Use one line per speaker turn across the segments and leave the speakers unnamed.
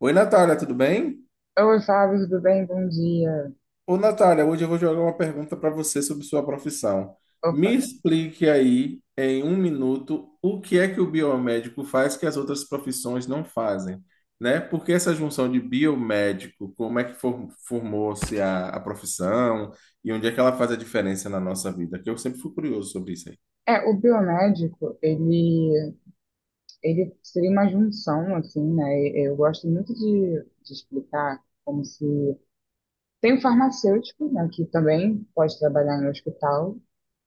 Oi, Natália, tudo bem?
Oi, Fábio, tudo bem? Bom dia.
Ô, Natália, hoje eu vou jogar uma pergunta para você sobre sua profissão.
Opa.
Me explique aí, em um minuto, o que é que o biomédico faz que as outras profissões não fazem, né? Por que essa junção de biomédico? Como é que formou-se a profissão e onde é que ela faz a diferença na nossa vida? Que eu sempre fui curioso sobre isso aí.
É, o biomédico, ele seria uma junção, assim, né? Eu gosto muito de explicar. Como se... Tem o farmacêutico, né, que também pode trabalhar no hospital,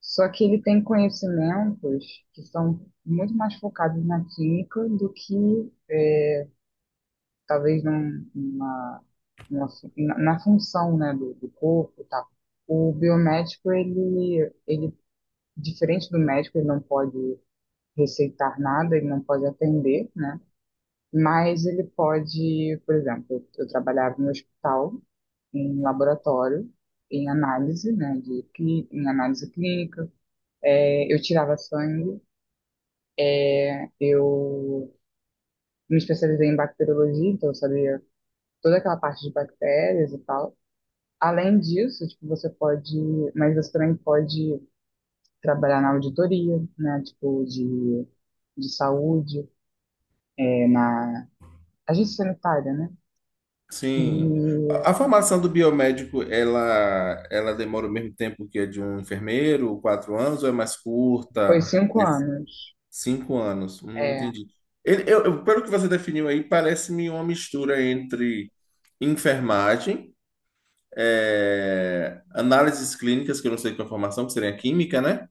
só que ele tem conhecimentos que são muito mais focados na clínica do que, talvez, num, numa, numa fu- na, na função, né, do corpo e tal. O biomédico, ele diferente do médico, ele não pode receitar nada, ele não pode atender, né? Mas ele pode, por exemplo, eu trabalhava no hospital, em laboratório, em análise, né, em análise clínica. Eu tirava sangue, né? Eu me especializei em bacteriologia, então eu sabia toda aquela parte de bactérias e tal. Além disso, tipo, mas você também pode trabalhar na auditoria, né, tipo, de saúde, na agência sanitária, né?
Sim. A
E
a formação do biomédico, ela demora o mesmo tempo que a de um enfermeiro, 4 anos, ou é mais
foi
curta?
5 anos.
5 anos.
É,
Entendi. Pelo que você definiu aí, parece-me uma mistura entre enfermagem, análises clínicas, que eu não sei qual é a formação, que seria química, né?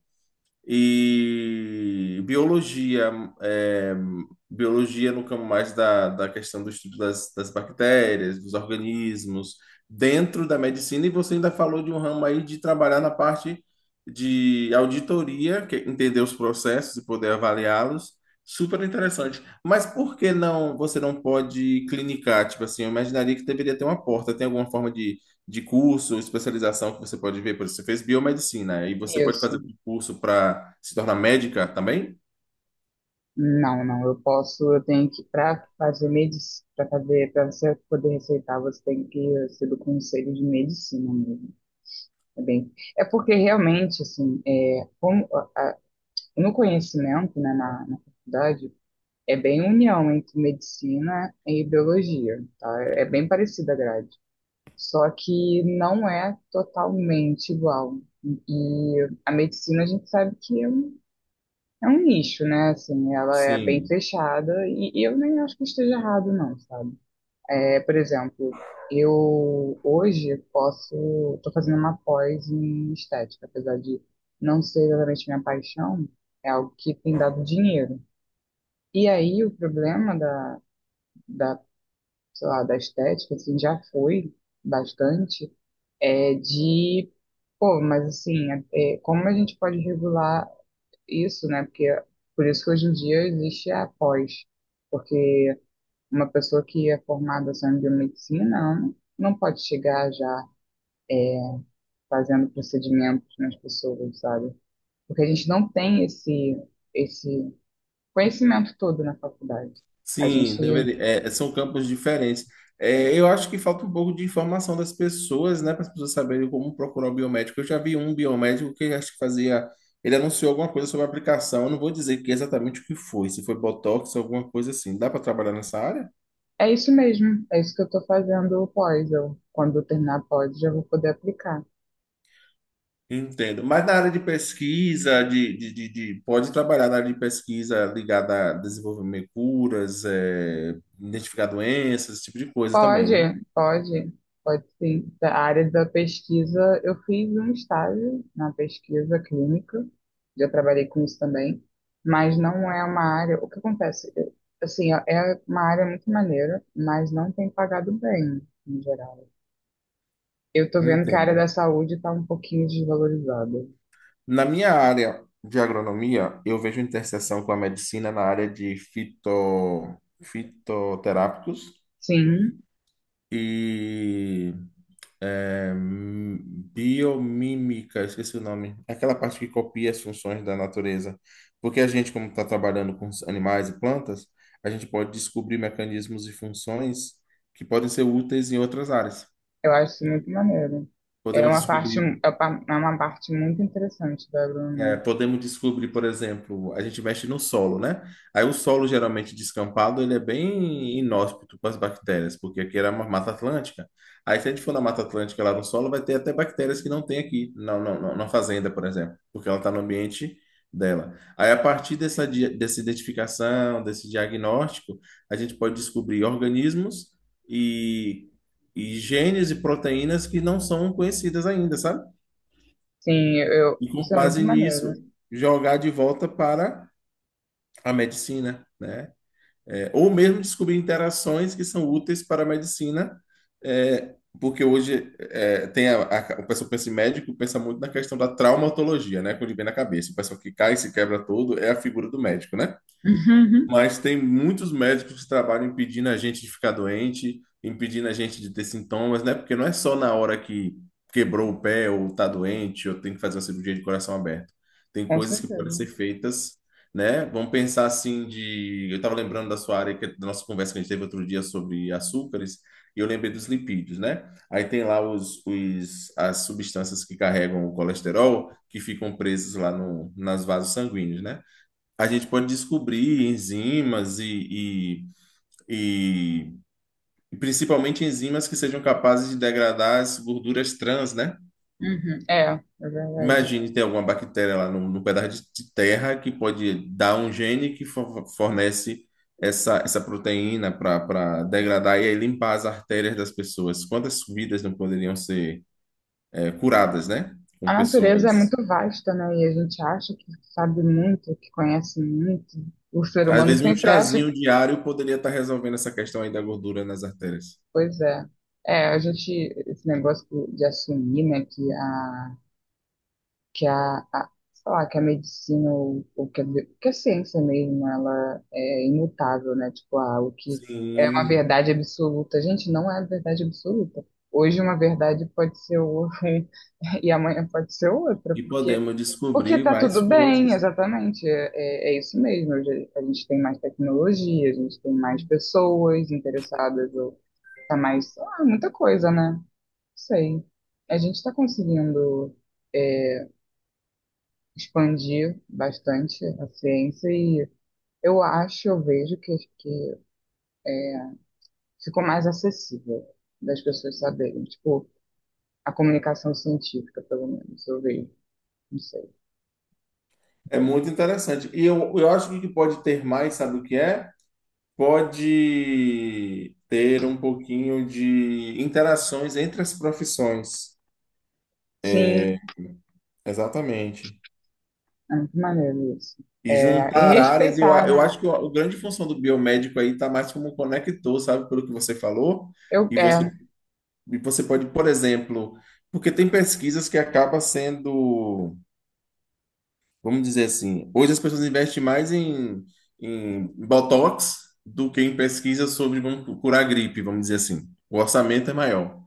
E biologia, é, biologia no campo mais da questão do estudo das bactérias, dos organismos, dentro da medicina, e você ainda falou de um ramo aí de trabalhar na parte de auditoria, que é entender os processos e poder avaliá-los. Super interessante. Mas por que não, você não pode clinicar? Tipo assim, eu imaginaria que deveria ter uma porta. Tem alguma forma de curso, especialização que você pode ver. Por exemplo, você fez biomedicina e você pode fazer
isso.
um curso para se tornar médica também?
Não, não, eu posso, eu tenho que, para fazer medicina, para você poder receitar, você tem que ser do conselho de medicina mesmo. É bem, É porque realmente, assim, no conhecimento, né, na faculdade, é bem união entre medicina e biologia, tá? É bem parecida a grade. Só que não é totalmente igual. E a medicina a gente sabe que é um nicho, né? Assim, ela é bem
Sim,
fechada e eu nem acho que esteja errado, não, sabe? É, por exemplo, eu hoje posso, estou fazendo uma pós em estética, apesar de não ser exatamente minha paixão, é algo que tem dado dinheiro. E aí o problema da, sei lá, da estética, assim, já foi bastante é de, mas assim, como a gente pode regular isso, né? Porque por isso que hoje em dia existe a pós, porque uma pessoa que é formada só em biomedicina não pode chegar já é, fazendo procedimentos nas pessoas, sabe? Porque a gente não tem esse conhecimento todo na faculdade. A
sim,
gente
deveria, é, são campos diferentes. É,
é
eu acho que falta um pouco de informação das pessoas, né, para as pessoas saberem como procurar o biomédico. Eu já vi um biomédico que acho que fazia, ele anunciou alguma coisa sobre a aplicação. Eu não vou dizer que exatamente o que foi, se foi botox, ou alguma coisa assim. Dá para trabalhar nessa área?
é isso mesmo, é isso que eu estou fazendo pós. Eu, quando eu terminar a pós, já vou poder aplicar.
Entendo. Mas na área de pesquisa, pode trabalhar na área de pesquisa ligada a desenvolvimento de curas, é, identificar doenças, esse tipo de coisa também,
Pode,
né?
pode, pode sim. Da área da pesquisa, eu fiz um estágio na pesquisa clínica, já trabalhei com isso também, mas não é uma área. O que acontece? Assim, é uma área muito maneira, mas não tem pagado bem, em geral. Eu tô vendo que a área
Entendo.
da saúde tá um pouquinho desvalorizada.
Na minha área de agronomia, eu vejo interseção com a medicina na área de fitoterápicos
Sim,
e É, hum, biomímica, esqueci o nome. É aquela parte que copia as funções da natureza. Porque a gente, como está trabalhando com os animais e plantas, a gente pode descobrir mecanismos e funções que podem ser úteis em outras áreas.
eu acho isso muito maneiro. É
Podemos
uma parte,
descobrir
é uma parte muito interessante da
É,
agronomia.
podemos descobrir, por exemplo, a gente mexe no solo, né? Aí o solo geralmente descampado, ele é bem inóspito para as bactérias, porque aqui era uma Mata Atlântica. Aí se a gente for na Mata Atlântica lá no solo, vai ter até bactérias que não tem aqui, na fazenda, por exemplo, porque ela está no ambiente dela. Aí a partir dessa identificação, desse diagnóstico, a gente pode descobrir organismos e, e genes e proteínas que não são conhecidas ainda, sabe?
Sim,
E com
isso é muito
base
maneiro.
nisso jogar de volta para a medicina, né? É, ou mesmo descobrir interações que são úteis para a medicina, é, porque hoje é, tem o pessoal pensa em médico, pensa muito na questão da traumatologia, né? Quando ele vem na cabeça, o pessoal que cai e se quebra todo é a figura do médico, né? Mas tem muitos médicos que trabalham impedindo a gente de ficar doente, impedindo a gente de ter sintomas, né? Porque não é só na hora que quebrou o pé ou tá doente ou tem que fazer uma cirurgia de coração aberto. Tem
Com
coisas que podem
certeza.
ser feitas, né? Vamos pensar assim de... Eu estava lembrando da sua área, que, é da nossa conversa que a gente teve outro dia sobre açúcares, e eu lembrei dos lipídios, né? Aí tem lá as substâncias que carregam o colesterol, que ficam presas lá no, nas vasos sanguíneos, né? A gente pode descobrir enzimas e, e principalmente enzimas que sejam capazes de degradar as gorduras trans, né?
Uhum. É verdade.
Imagine ter alguma bactéria lá no, no pedaço de terra que pode dar um gene que fornece essa proteína para degradar e aí limpar as artérias das pessoas. Quantas vidas não poderiam ser curadas, né? Com
A natureza é
pessoas.
muito vasta, né? E a gente acha que sabe muito, que conhece muito. O ser
Às
humano
vezes um
sempre acha
chazinho
que,
diário poderia estar resolvendo essa questão aí da gordura nas artérias.
pois é. É, a gente, esse negócio de assumir, né, que a sei lá, que a medicina ou que a ciência mesmo, ela é imutável, né? Tipo, ah, o que é uma
Sim.
verdade absoluta. Gente, não é verdade absoluta. Hoje uma verdade pode ser e amanhã pode ser outra,
E
porque
podemos
Porque
descobrir
tá
mais
tudo bem,
coisas.
exatamente. É isso mesmo. Hoje a gente tem mais tecnologia, a gente tem mais pessoas interessadas, ou tá mais, ah, muita coisa, né? Não sei. A gente está conseguindo é, expandir bastante a ciência e eu acho, eu vejo que ficou mais acessível das pessoas saberem. Tipo, a comunicação científica, pelo menos, eu vejo. Não sei.
É muito interessante. E eu acho que o que pode ter mais, sabe o que é? Pode ter um pouquinho de interações entre as profissões.
Sim,
Exatamente.
é muito maneiro isso.
E
É, e
juntar áreas.
respeitar,
Eu acho que
né?
a grande função do biomédico aí está mais como um conector, sabe? Pelo que você falou. E você,
É.
e você pode, por exemplo, porque tem pesquisas que acaba sendo vamos dizer assim, hoje as pessoas investem mais em Botox do que em pesquisa sobre como curar gripe, vamos dizer assim. O orçamento é maior.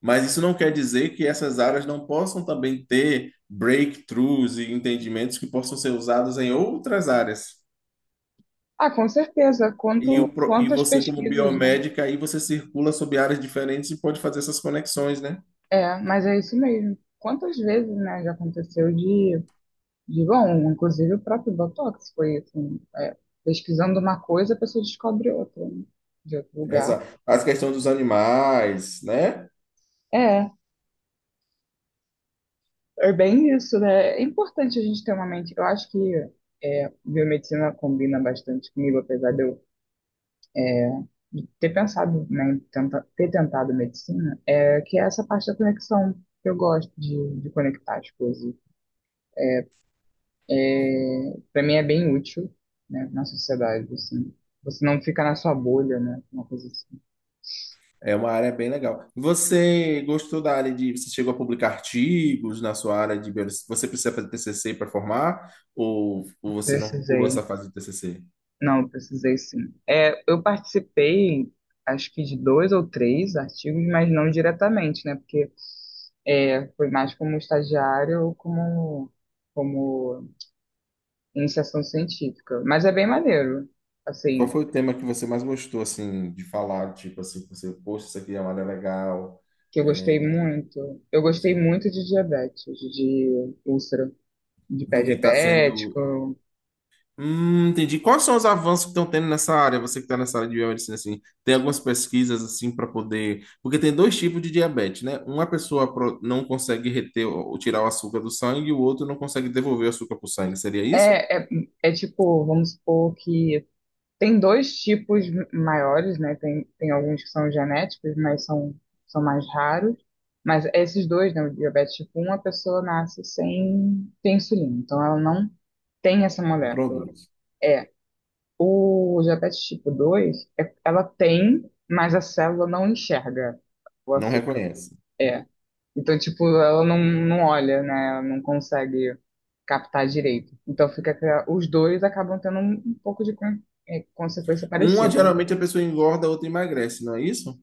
Mas isso não quer dizer que essas áreas não possam também ter breakthroughs e entendimentos que possam ser usados em outras áreas.
Ah, com certeza.
E
Quantas
você, como
pesquisas, né?
biomédica, aí você circula sobre áreas diferentes e pode fazer essas conexões, né?
É, mas é isso mesmo. Quantas vezes, né, já aconteceu de bom, inclusive o próprio Botox foi assim, é, pesquisando uma coisa, a pessoa descobre outra, né, de outro lugar.
Essa, as questões dos animais, né?
É, é bem isso, né? É importante a gente ter uma mente. Eu acho que biomedicina combina bastante comigo, apesar de eu ter pensado, né, ter tentado medicina, é que é essa parte da conexão. Eu gosto de conectar as coisas, é, para mim é bem útil, né, na sociedade, assim. Você não fica na sua bolha, né? Uma coisa assim.
É uma área bem legal. Você gostou da área de. Você chegou a publicar artigos na sua área de. Você precisa fazer TCC para formar? Ou você não pulou essa
Precisei.
fase de TCC?
Não, precisei sim. É, eu participei, acho que de dois ou três artigos, mas não diretamente, né? Porque foi mais como estagiário ou como iniciação científica. Mas é bem maneiro,
Qual
assim,
foi o tema que você mais gostou, assim, de falar? Tipo assim, que você, poxa, isso aqui é uma área legal.
que eu
É,
gostei muito. Eu gostei
sim.
muito de diabetes, de úlcera, de pé
Do que está sendo
diabético.
Entendi. Quais são os avanços que estão tendo nessa área? Você que está nessa área de biomedicina, assim, tem algumas pesquisas assim para poder. Porque tem dois tipos de diabetes, né? Uma pessoa não consegue reter ou tirar o açúcar do sangue, e o outro não consegue devolver o açúcar para o sangue. Seria isso?
É, é, é tipo, vamos supor que tem dois tipos maiores, né? Tem alguns que são genéticos, mas são mais raros. Mas esses dois, né? O diabetes tipo um a pessoa nasce sem insulina. Então, ela não tem essa
Não
molécula.
produz.
É. O diabetes tipo 2 ela tem, mas a célula não enxerga o
Não
açúcar.
reconhece.
É. Então, tipo, ela não olha, né? Ela não consegue captar direito. Então, fica que os dois acabam tendo um pouco de consequência
Uma
parecida.
geralmente a pessoa engorda, a outra emagrece, não é isso?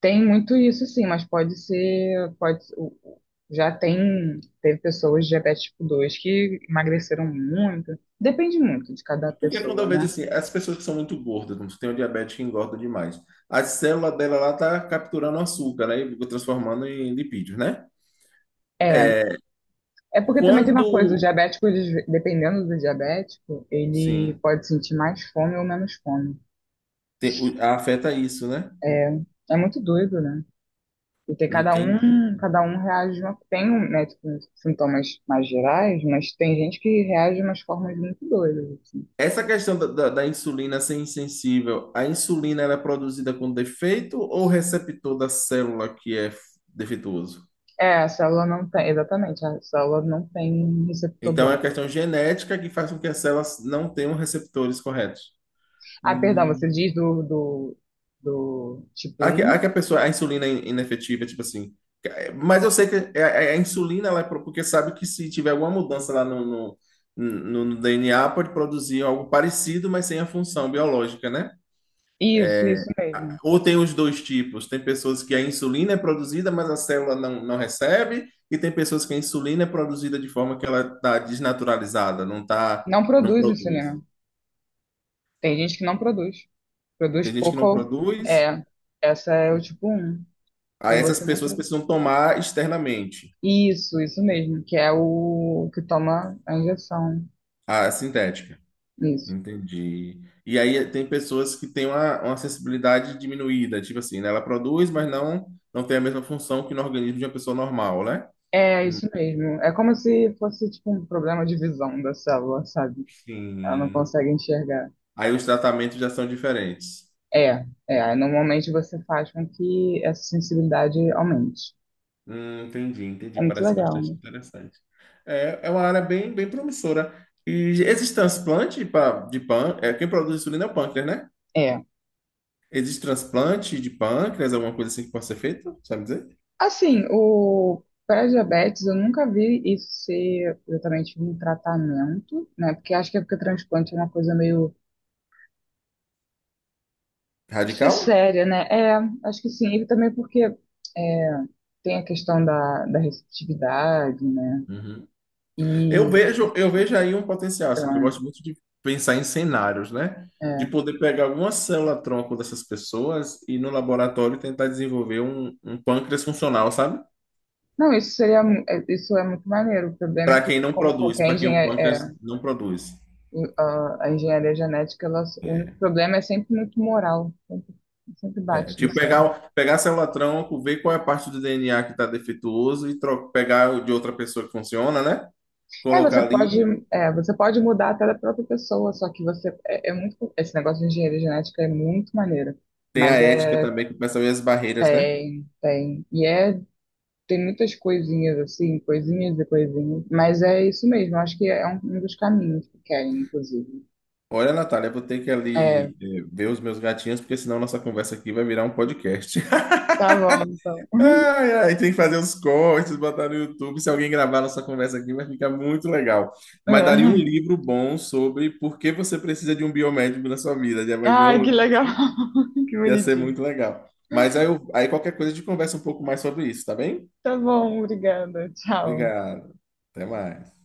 Tem muito isso, sim, mas pode ser, pode, já tem, teve pessoas de diabetes tipo 2 que emagreceram muito. Depende muito de cada
Porque quando
pessoa,
eu vejo
né?
assim, as pessoas que são muito gordas, como tem o diabetes que engorda demais, a célula dela lá tá capturando açúcar, né? E transformando em lipídios, né?
É, é porque também tem uma coisa, o
Quando
diabético, dependendo do diabético, ele
Sim,
pode sentir mais fome ou menos fome.
Afeta isso, né?
É, é muito doido, né? Porque
Entendi.
cada um reage de uma, tem um, né, tipo, sintomas mais gerais, mas tem gente que reage de umas formas muito doidas, assim.
Essa questão da insulina ser insensível, a insulina ela é produzida com defeito ou o receptor da célula que é defeituoso?
É, a célula não tem, exatamente, a célula não tem receptor
Então é
bom.
a questão genética que faz com que as células não tenham receptores corretos.
Ah, perdão, você
Hum.
diz do tipo
A
um.
que a pessoa, a insulina é inefetiva, tipo assim. É, mas eu sei que insulina, ela é porque sabe que se tiver alguma mudança lá no DNA, pode produzir algo parecido, mas sem a função biológica, né?
Isso mesmo.
Ou tem os dois tipos? Tem pessoas que a insulina é produzida, mas a célula não recebe, e tem pessoas que a insulina é produzida de forma que ela está desnaturalizada, não tá,
Não
não
produz
produz.
insulina. Tem gente que não produz. Produz
Tem gente que
pouco.
não produz,
É, essa é o tipo um.
aí
Quando
essas
você nem
pessoas
produz.
precisam tomar externamente
Isso mesmo, que é o que toma a injeção.
a sintética.
Isso.
Entendi. E aí tem pessoas que têm uma sensibilidade diminuída, tipo assim, né? Ela produz, mas não tem a mesma função que no organismo de uma pessoa normal, né?
É isso mesmo. É como se fosse tipo um problema de visão da célula, sabe? Ela não
Sim.
consegue enxergar.
Aí os tratamentos já são diferentes.
É, é. Aí, normalmente você faz com que essa sensibilidade aumente.
Entendi,
É
entendi.
muito
Parece
legal,
bastante
né?
interessante. É, é uma área bem, bem promissora. E existe transplante pra, de pâncreas? É, quem produz insulina é o pâncreas, né?
É.
Existe transplante de pâncreas, alguma coisa assim que possa ser feita? Sabe dizer?
Assim, o pré-diabetes eu nunca vi isso ser exatamente um tratamento, né? Porque acho que é porque transplante é uma coisa meio, acho que é
Radical?
séria, né? É, acho que sim. E também porque é, tem a questão da receptividade, né?
Uhum.
E
Eu vejo aí um potencial, assim, que eu
então,
gosto muito de pensar em cenários, né? De
é,
poder pegar alguma célula-tronco dessas pessoas e no laboratório tentar desenvolver um pâncreas funcional, sabe?
não, isso seria, isso é muito maneiro. O problema é
Para
que,
quem não
como
produz,
qualquer
para quem o
engenharia, é,
pâncreas não produz.
em- a, a engenharia genética, o único problema é sempre muito moral. Sempre
É,
bate nisso, né?
pegar célula tronco, ver qual é a parte do DNA que está defeituoso e pegar o de outra pessoa que funciona, né?
É,
Colocar ali.
você pode mudar até da própria pessoa, só que você, é, é muito, esse negócio de engenharia genética é muito maneiro.
Tem a
Mas
ética também, que começa a ver as barreiras, né?
tem, tem. E tem muitas coisinhas, assim, coisinhas e coisinhas. Mas é isso mesmo, acho que é um dos caminhos que querem, inclusive.
Olha, Natália, eu vou ter que
É,
ali ver os meus gatinhos, porque senão nossa conversa aqui vai virar um podcast.
tá bom, então.
Ai, ai, tem que fazer os cortes, botar no YouTube. Se alguém gravar nossa conversa aqui, vai ficar muito legal. Mas daria um
É.
livro bom sobre por que você precisa de um biomédico na sua vida. Já
Ai,
imaginou?
que legal. Que
Ia ser
bonitinho.
muito legal. Mas aí, aí qualquer coisa a gente conversa um pouco mais sobre isso, tá bem?
Tá bom, obrigada. Tchau.
Obrigado. Até mais.